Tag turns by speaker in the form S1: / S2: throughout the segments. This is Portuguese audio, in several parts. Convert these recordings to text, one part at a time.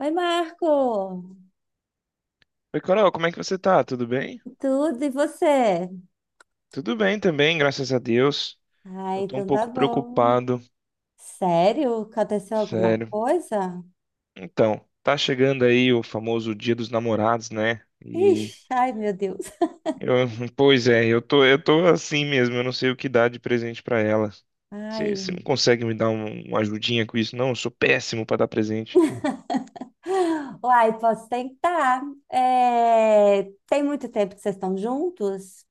S1: Oi, Marco!
S2: Oi, Carol, como é que você tá? Tudo bem?
S1: Tudo e você?
S2: Tudo bem também, graças a Deus.
S1: Ah,
S2: Eu tô um
S1: então tá
S2: pouco
S1: bom.
S2: preocupado,
S1: Sério? Aconteceu alguma
S2: sério.
S1: coisa?
S2: Então, tá chegando aí o famoso Dia dos Namorados, né? E
S1: Ixi, ai, meu Deus.
S2: eu, pois é, eu tô assim mesmo, eu não sei o que dar de presente pra ela. Você
S1: Ai.
S2: não consegue me dar uma ajudinha com isso, não? Eu sou péssimo pra dar presente.
S1: Uai, posso tentar. É, tem muito tempo que vocês estão juntos?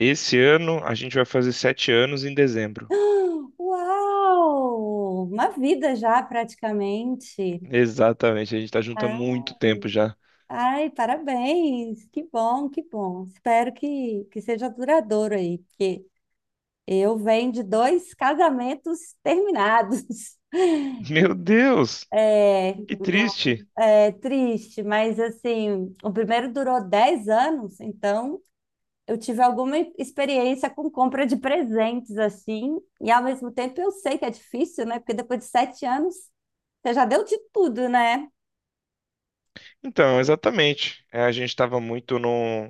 S2: Esse ano a gente vai fazer 7 anos em dezembro.
S1: Uau! Uma vida já, praticamente.
S2: Exatamente, a gente tá junto há muito
S1: Ah,
S2: tempo já.
S1: ai, parabéns! Que bom, que bom. Espero que seja duradouro aí, porque eu venho de dois casamentos terminados.
S2: Meu Deus,
S1: É,
S2: que triste.
S1: é triste, mas assim, o primeiro durou 10 anos, então eu tive alguma experiência com compra de presentes, assim, e ao mesmo tempo eu sei que é difícil, né? Porque depois de 7 anos, você já deu de tudo, né?
S2: Então, exatamente. É, a gente estava muito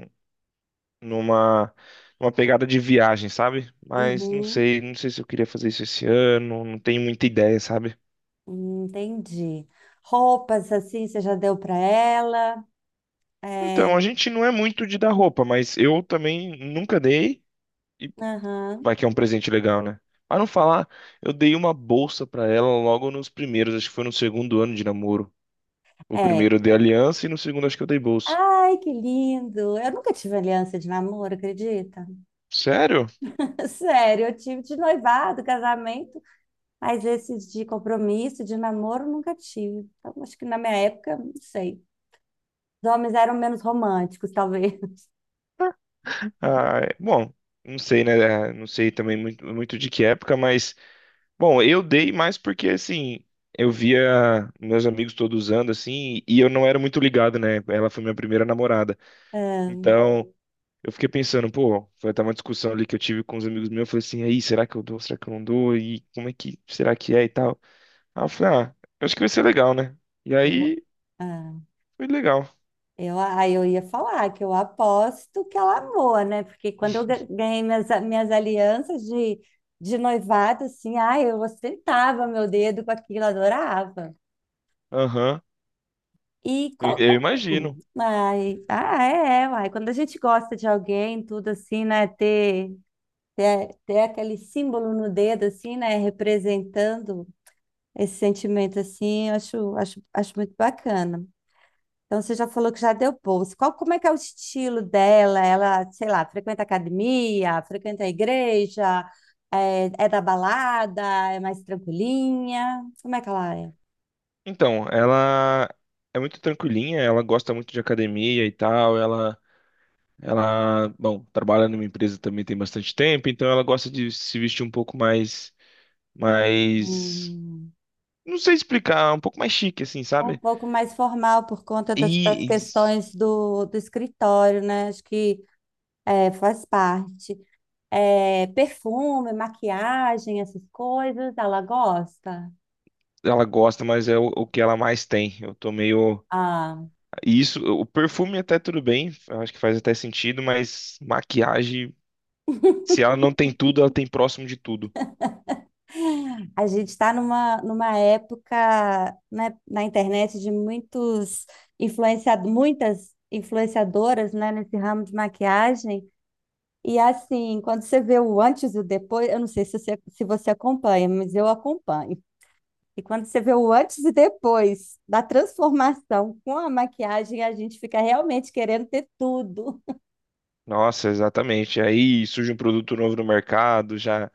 S2: numa, numa pegada de viagem, sabe? Mas não
S1: Uhum,
S2: sei, não sei se eu queria fazer isso esse ano, não tenho muita ideia, sabe?
S1: entendi. Roupas, assim, você já deu para ela?
S2: Então,
S1: É,
S2: a gente não é muito de dar roupa, mas eu também nunca dei, e
S1: aham,
S2: vai que é um presente legal, né? Para não falar, eu dei uma bolsa para ela logo nos primeiros, acho que foi no segundo ano de namoro. O
S1: é.
S2: primeiro eu dei aliança e no segundo acho que eu dei bolsa.
S1: Ai, que lindo! Eu nunca tive aliança de namoro, acredita?
S2: Sério?
S1: Sério, eu tive de noivado, casamento, mas esses de compromisso, de namoro, nunca tive. Então, acho que na minha época, não sei. Os homens eram menos românticos, talvez.
S2: Ah, bom, não sei, né? É, não sei também muito, muito de que época, mas. Bom, eu dei mais porque, assim, eu via meus amigos todos usando, assim, e eu não era muito ligado, né? Ela foi minha primeira namorada.
S1: É,
S2: Então, eu fiquei pensando, pô, foi até uma discussão ali que eu tive com os amigos meus. Eu falei assim, aí, será que eu dou? Será que eu não dou? E como é que, será que é e tal? Aí eu falei, ah, eu acho que vai ser legal, né? E
S1: eu,
S2: aí,
S1: ah,
S2: foi legal.
S1: aí eu ia falar que eu aposto que ela amou, né? Porque quando eu ganhei minhas, minhas alianças de noivado, assim, ai, eu ostentava meu dedo com aquilo, adorava.
S2: Aham,
S1: E
S2: eu eu imagino.
S1: ai, uai. Quando a gente gosta de alguém, tudo assim, né? Ter aquele símbolo no dedo, assim, né? Representando esse sentimento, assim, eu acho muito bacana. Então, você já falou que já deu bolsa. Qual, como é que é o estilo dela? Ela, sei lá, frequenta academia, frequenta a igreja, é, é da balada, é mais tranquilinha? Como é que ela é?
S2: Então, ela é muito tranquilinha, ela gosta muito de academia e tal, ela bom, trabalha numa empresa também tem bastante tempo, então ela gosta de se vestir um pouco mais,
S1: Hum.
S2: não sei explicar, um pouco mais chique, assim,
S1: Um
S2: sabe?
S1: pouco mais formal por conta das, das
S2: E
S1: questões do, do escritório, né? Acho que é, faz parte. É, perfume, maquiagem, essas coisas, ela gosta.
S2: ela gosta, mas é o que ela mais tem. Eu tô meio,
S1: Ah,
S2: isso, o perfume até tudo bem, eu acho que faz até sentido, mas maquiagem, se ela não tem tudo, ela tem próximo de tudo.
S1: a gente está numa, numa época, né, na internet de muitos influenciado, muitas influenciadoras, né, nesse ramo de maquiagem. E assim, quando você vê o antes e o depois, eu não sei se você acompanha, mas eu acompanho. E quando você vê o antes e depois da transformação com a maquiagem, a gente fica realmente querendo ter tudo.
S2: Nossa, exatamente. Aí surge um produto novo no mercado, já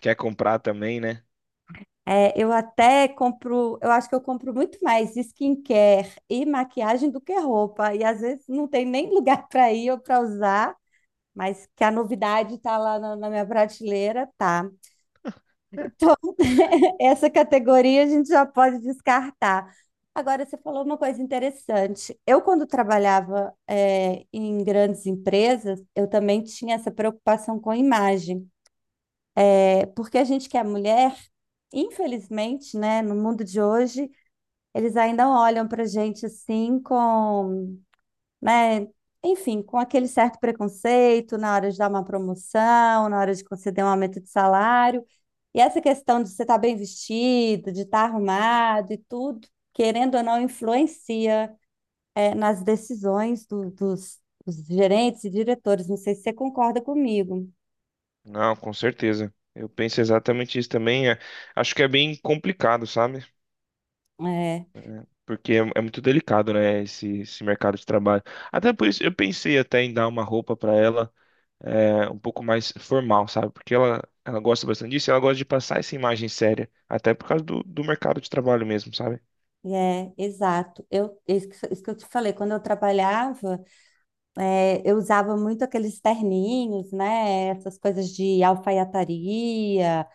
S2: quer comprar também, né?
S1: É, eu até compro, eu acho que eu compro muito mais skincare e maquiagem do que roupa. E às vezes não tem nem lugar para ir ou para usar, mas que a novidade está lá na minha prateleira, tá. Então, essa categoria a gente já pode descartar. Agora, você falou uma coisa interessante. Eu, quando trabalhava, em grandes empresas, eu também tinha essa preocupação com a imagem. É, porque a gente que é mulher, infelizmente, né, no mundo de hoje, eles ainda olham para a gente assim com, né? Enfim, com aquele certo preconceito na hora de dar uma promoção, na hora de conceder um aumento de salário. E essa questão de você estar bem vestido, de estar arrumado e tudo, querendo ou não, influencia, nas decisões dos, dos gerentes e diretores. Não sei se você concorda comigo.
S2: Não, com certeza. Eu penso exatamente isso também. Acho que é bem complicado, sabe?
S1: É,
S2: Porque é, é muito delicado, né? Esse mercado de trabalho. Até por isso, eu pensei até em dar uma roupa pra ela é, um pouco mais formal, sabe? Porque ela gosta bastante disso e ela gosta de passar essa imagem séria. Até por causa do mercado de trabalho mesmo, sabe?
S1: é, exato. Eu, isso que eu te falei, quando eu trabalhava, eu usava muito aqueles terninhos, né? Essas coisas de alfaiataria.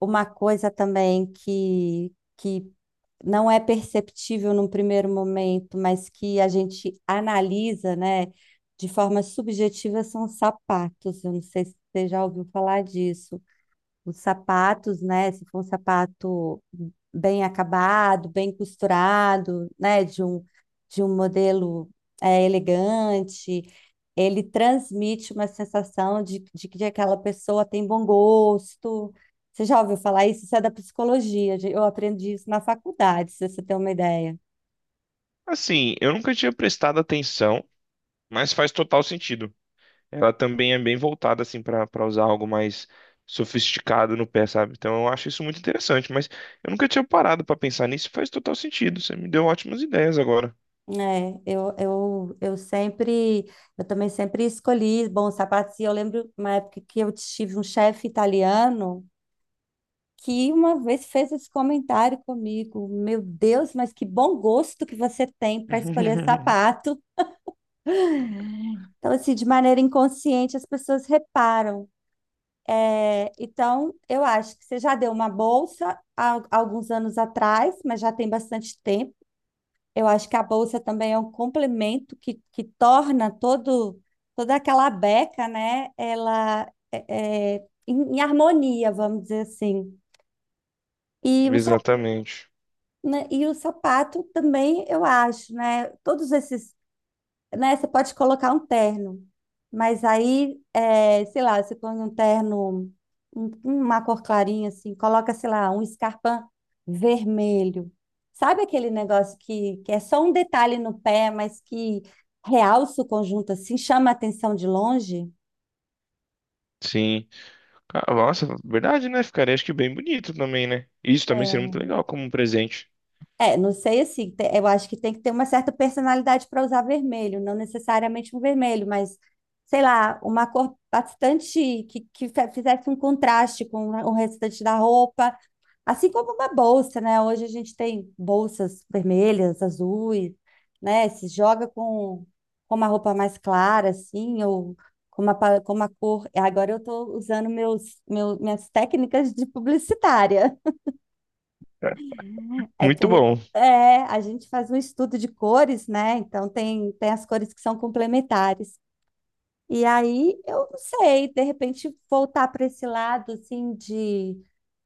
S1: Uma coisa também que não é perceptível num primeiro momento, mas que a gente analisa, né, de forma subjetiva, são os sapatos. Eu não sei se você já ouviu falar disso. Os sapatos, né? Se for um sapato bem acabado, bem costurado, né? De um modelo é, elegante, ele transmite uma sensação de que aquela pessoa tem bom gosto. Você já ouviu falar isso? Isso é da psicologia, gente. Eu aprendi isso na faculdade, se você tem uma ideia.
S2: Assim, eu nunca tinha prestado atenção, mas faz total sentido. Ela também é bem voltada assim para usar algo mais sofisticado no pé, sabe? Então eu acho isso muito interessante, mas eu nunca tinha parado para pensar nisso, e faz total sentido. Você me deu ótimas ideias agora.
S1: É, eu também sempre escolhi bons sapatos. E eu lembro uma época que eu tive um chefe italiano que uma vez fez esse comentário comigo. Meu Deus, mas que bom gosto que você tem para escolher sapato. Então, assim, de maneira inconsciente, as pessoas reparam. É, então, eu acho que você já deu uma bolsa há alguns anos atrás, mas já tem bastante tempo. Eu acho que a bolsa também é um complemento que torna todo, toda aquela beca, né? Ela é, é, em harmonia, vamos dizer assim. E os,
S2: Exatamente.
S1: né, e o sapato também, eu acho, né? Todos esses, né? Você pode colocar um terno, mas aí, é, sei lá, você põe um terno, uma cor clarinha assim, coloca, sei lá, um escarpão vermelho. Sabe aquele negócio que é só um detalhe no pé, mas que realça o conjunto assim, chama a atenção de longe?
S2: Sim. Ah, nossa, verdade, né? Ficaria acho que bem bonito também, né? Isso também seria muito
S1: É.
S2: legal como um presente.
S1: É, não sei assim, eu acho que tem que ter uma certa personalidade para usar vermelho, não necessariamente um vermelho, mas sei lá, uma cor bastante que fizesse um contraste com o restante da roupa, assim como uma bolsa, né? Hoje a gente tem bolsas vermelhas, azuis, né? Se joga com uma roupa mais clara, assim, ou com uma, com uma cor. Agora eu estou usando minhas técnicas de publicitária. É,
S2: Muito bom.
S1: a gente faz um estudo de cores, né? Então tem as cores que são complementares. E aí eu não sei, de repente voltar para esse lado assim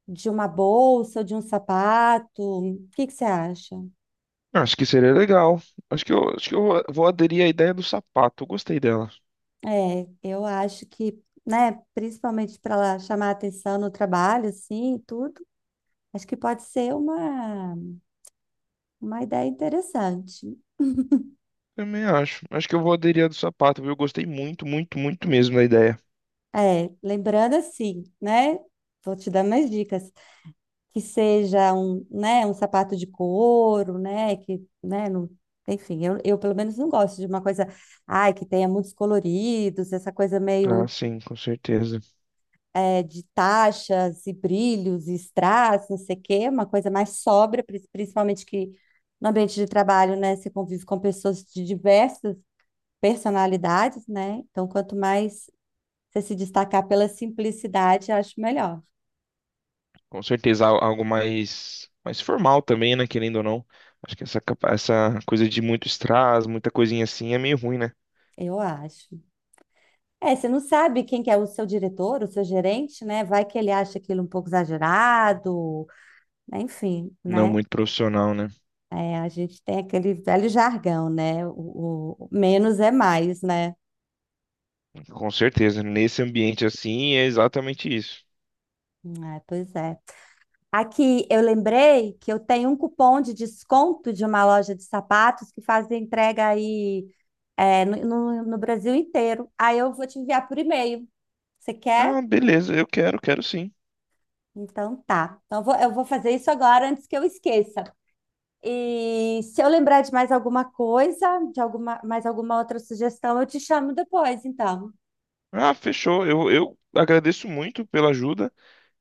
S1: de uma bolsa, ou de um sapato. O que que você acha?
S2: Acho que seria legal. Acho que eu vou aderir à ideia do sapato. Eu gostei dela.
S1: É, eu acho que, né, principalmente para chamar atenção no trabalho, assim, e tudo, acho que pode ser uma ideia interessante.
S2: Também acho. Acho que eu vou aderir à do sapato, viu? Eu gostei muito, muito, muito mesmo da ideia.
S1: É, lembrando assim, né? Vou te dar mais dicas. Que seja um, né, um sapato de couro, né, que, né, não, enfim, eu pelo menos não gosto de uma coisa, ai, que tenha muitos coloridos, essa coisa meio
S2: Ah, sim, com certeza.
S1: é, de taxas e brilhos e strass, não sei o quê, uma coisa mais sóbria, principalmente que no ambiente de trabalho, né, você convive com pessoas de diversas personalidades, né, então quanto mais você se destacar pela simplicidade, acho melhor,
S2: Com certeza, algo mais, mais formal também, né? Querendo ou não. Acho que essa, essa coisa de muito strass, muita coisinha assim é meio ruim, né?
S1: eu acho. É, você não sabe quem que é o seu diretor, o seu gerente, né? Vai que ele acha aquilo um pouco exagerado, né? Enfim,
S2: Não
S1: né?
S2: muito profissional, né?
S1: É, a gente tem aquele velho jargão, né? O menos é mais, né?
S2: Com certeza. Nesse ambiente assim é exatamente isso.
S1: É, pois é. Aqui eu lembrei que eu tenho um cupom de desconto de uma loja de sapatos que faz entrega aí é, no Brasil inteiro. Aí eu vou te enviar por e-mail. Você quer?
S2: Ah, beleza, eu quero, quero sim.
S1: Então tá. Então eu vou fazer isso agora antes que eu esqueça. E se eu lembrar de mais alguma coisa, de alguma, mais alguma outra sugestão, eu te chamo depois, então.
S2: Ah, fechou. Eu agradeço muito pela ajuda.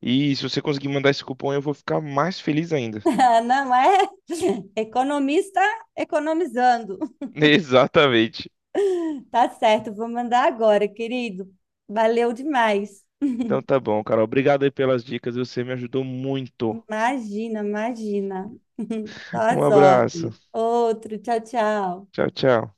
S2: E se você conseguir mandar esse cupom, eu vou ficar mais feliz ainda.
S1: Não é? Economista economizando.
S2: Exatamente.
S1: Tá certo, vou mandar agora, querido. Valeu demais.
S2: Então tá bom, Carol. Obrigado aí pelas dicas. Você me ajudou muito.
S1: Imagina, imagina. Só
S2: Um
S1: as
S2: abraço.
S1: ordens. Outro, tchau, tchau.
S2: Tchau, tchau.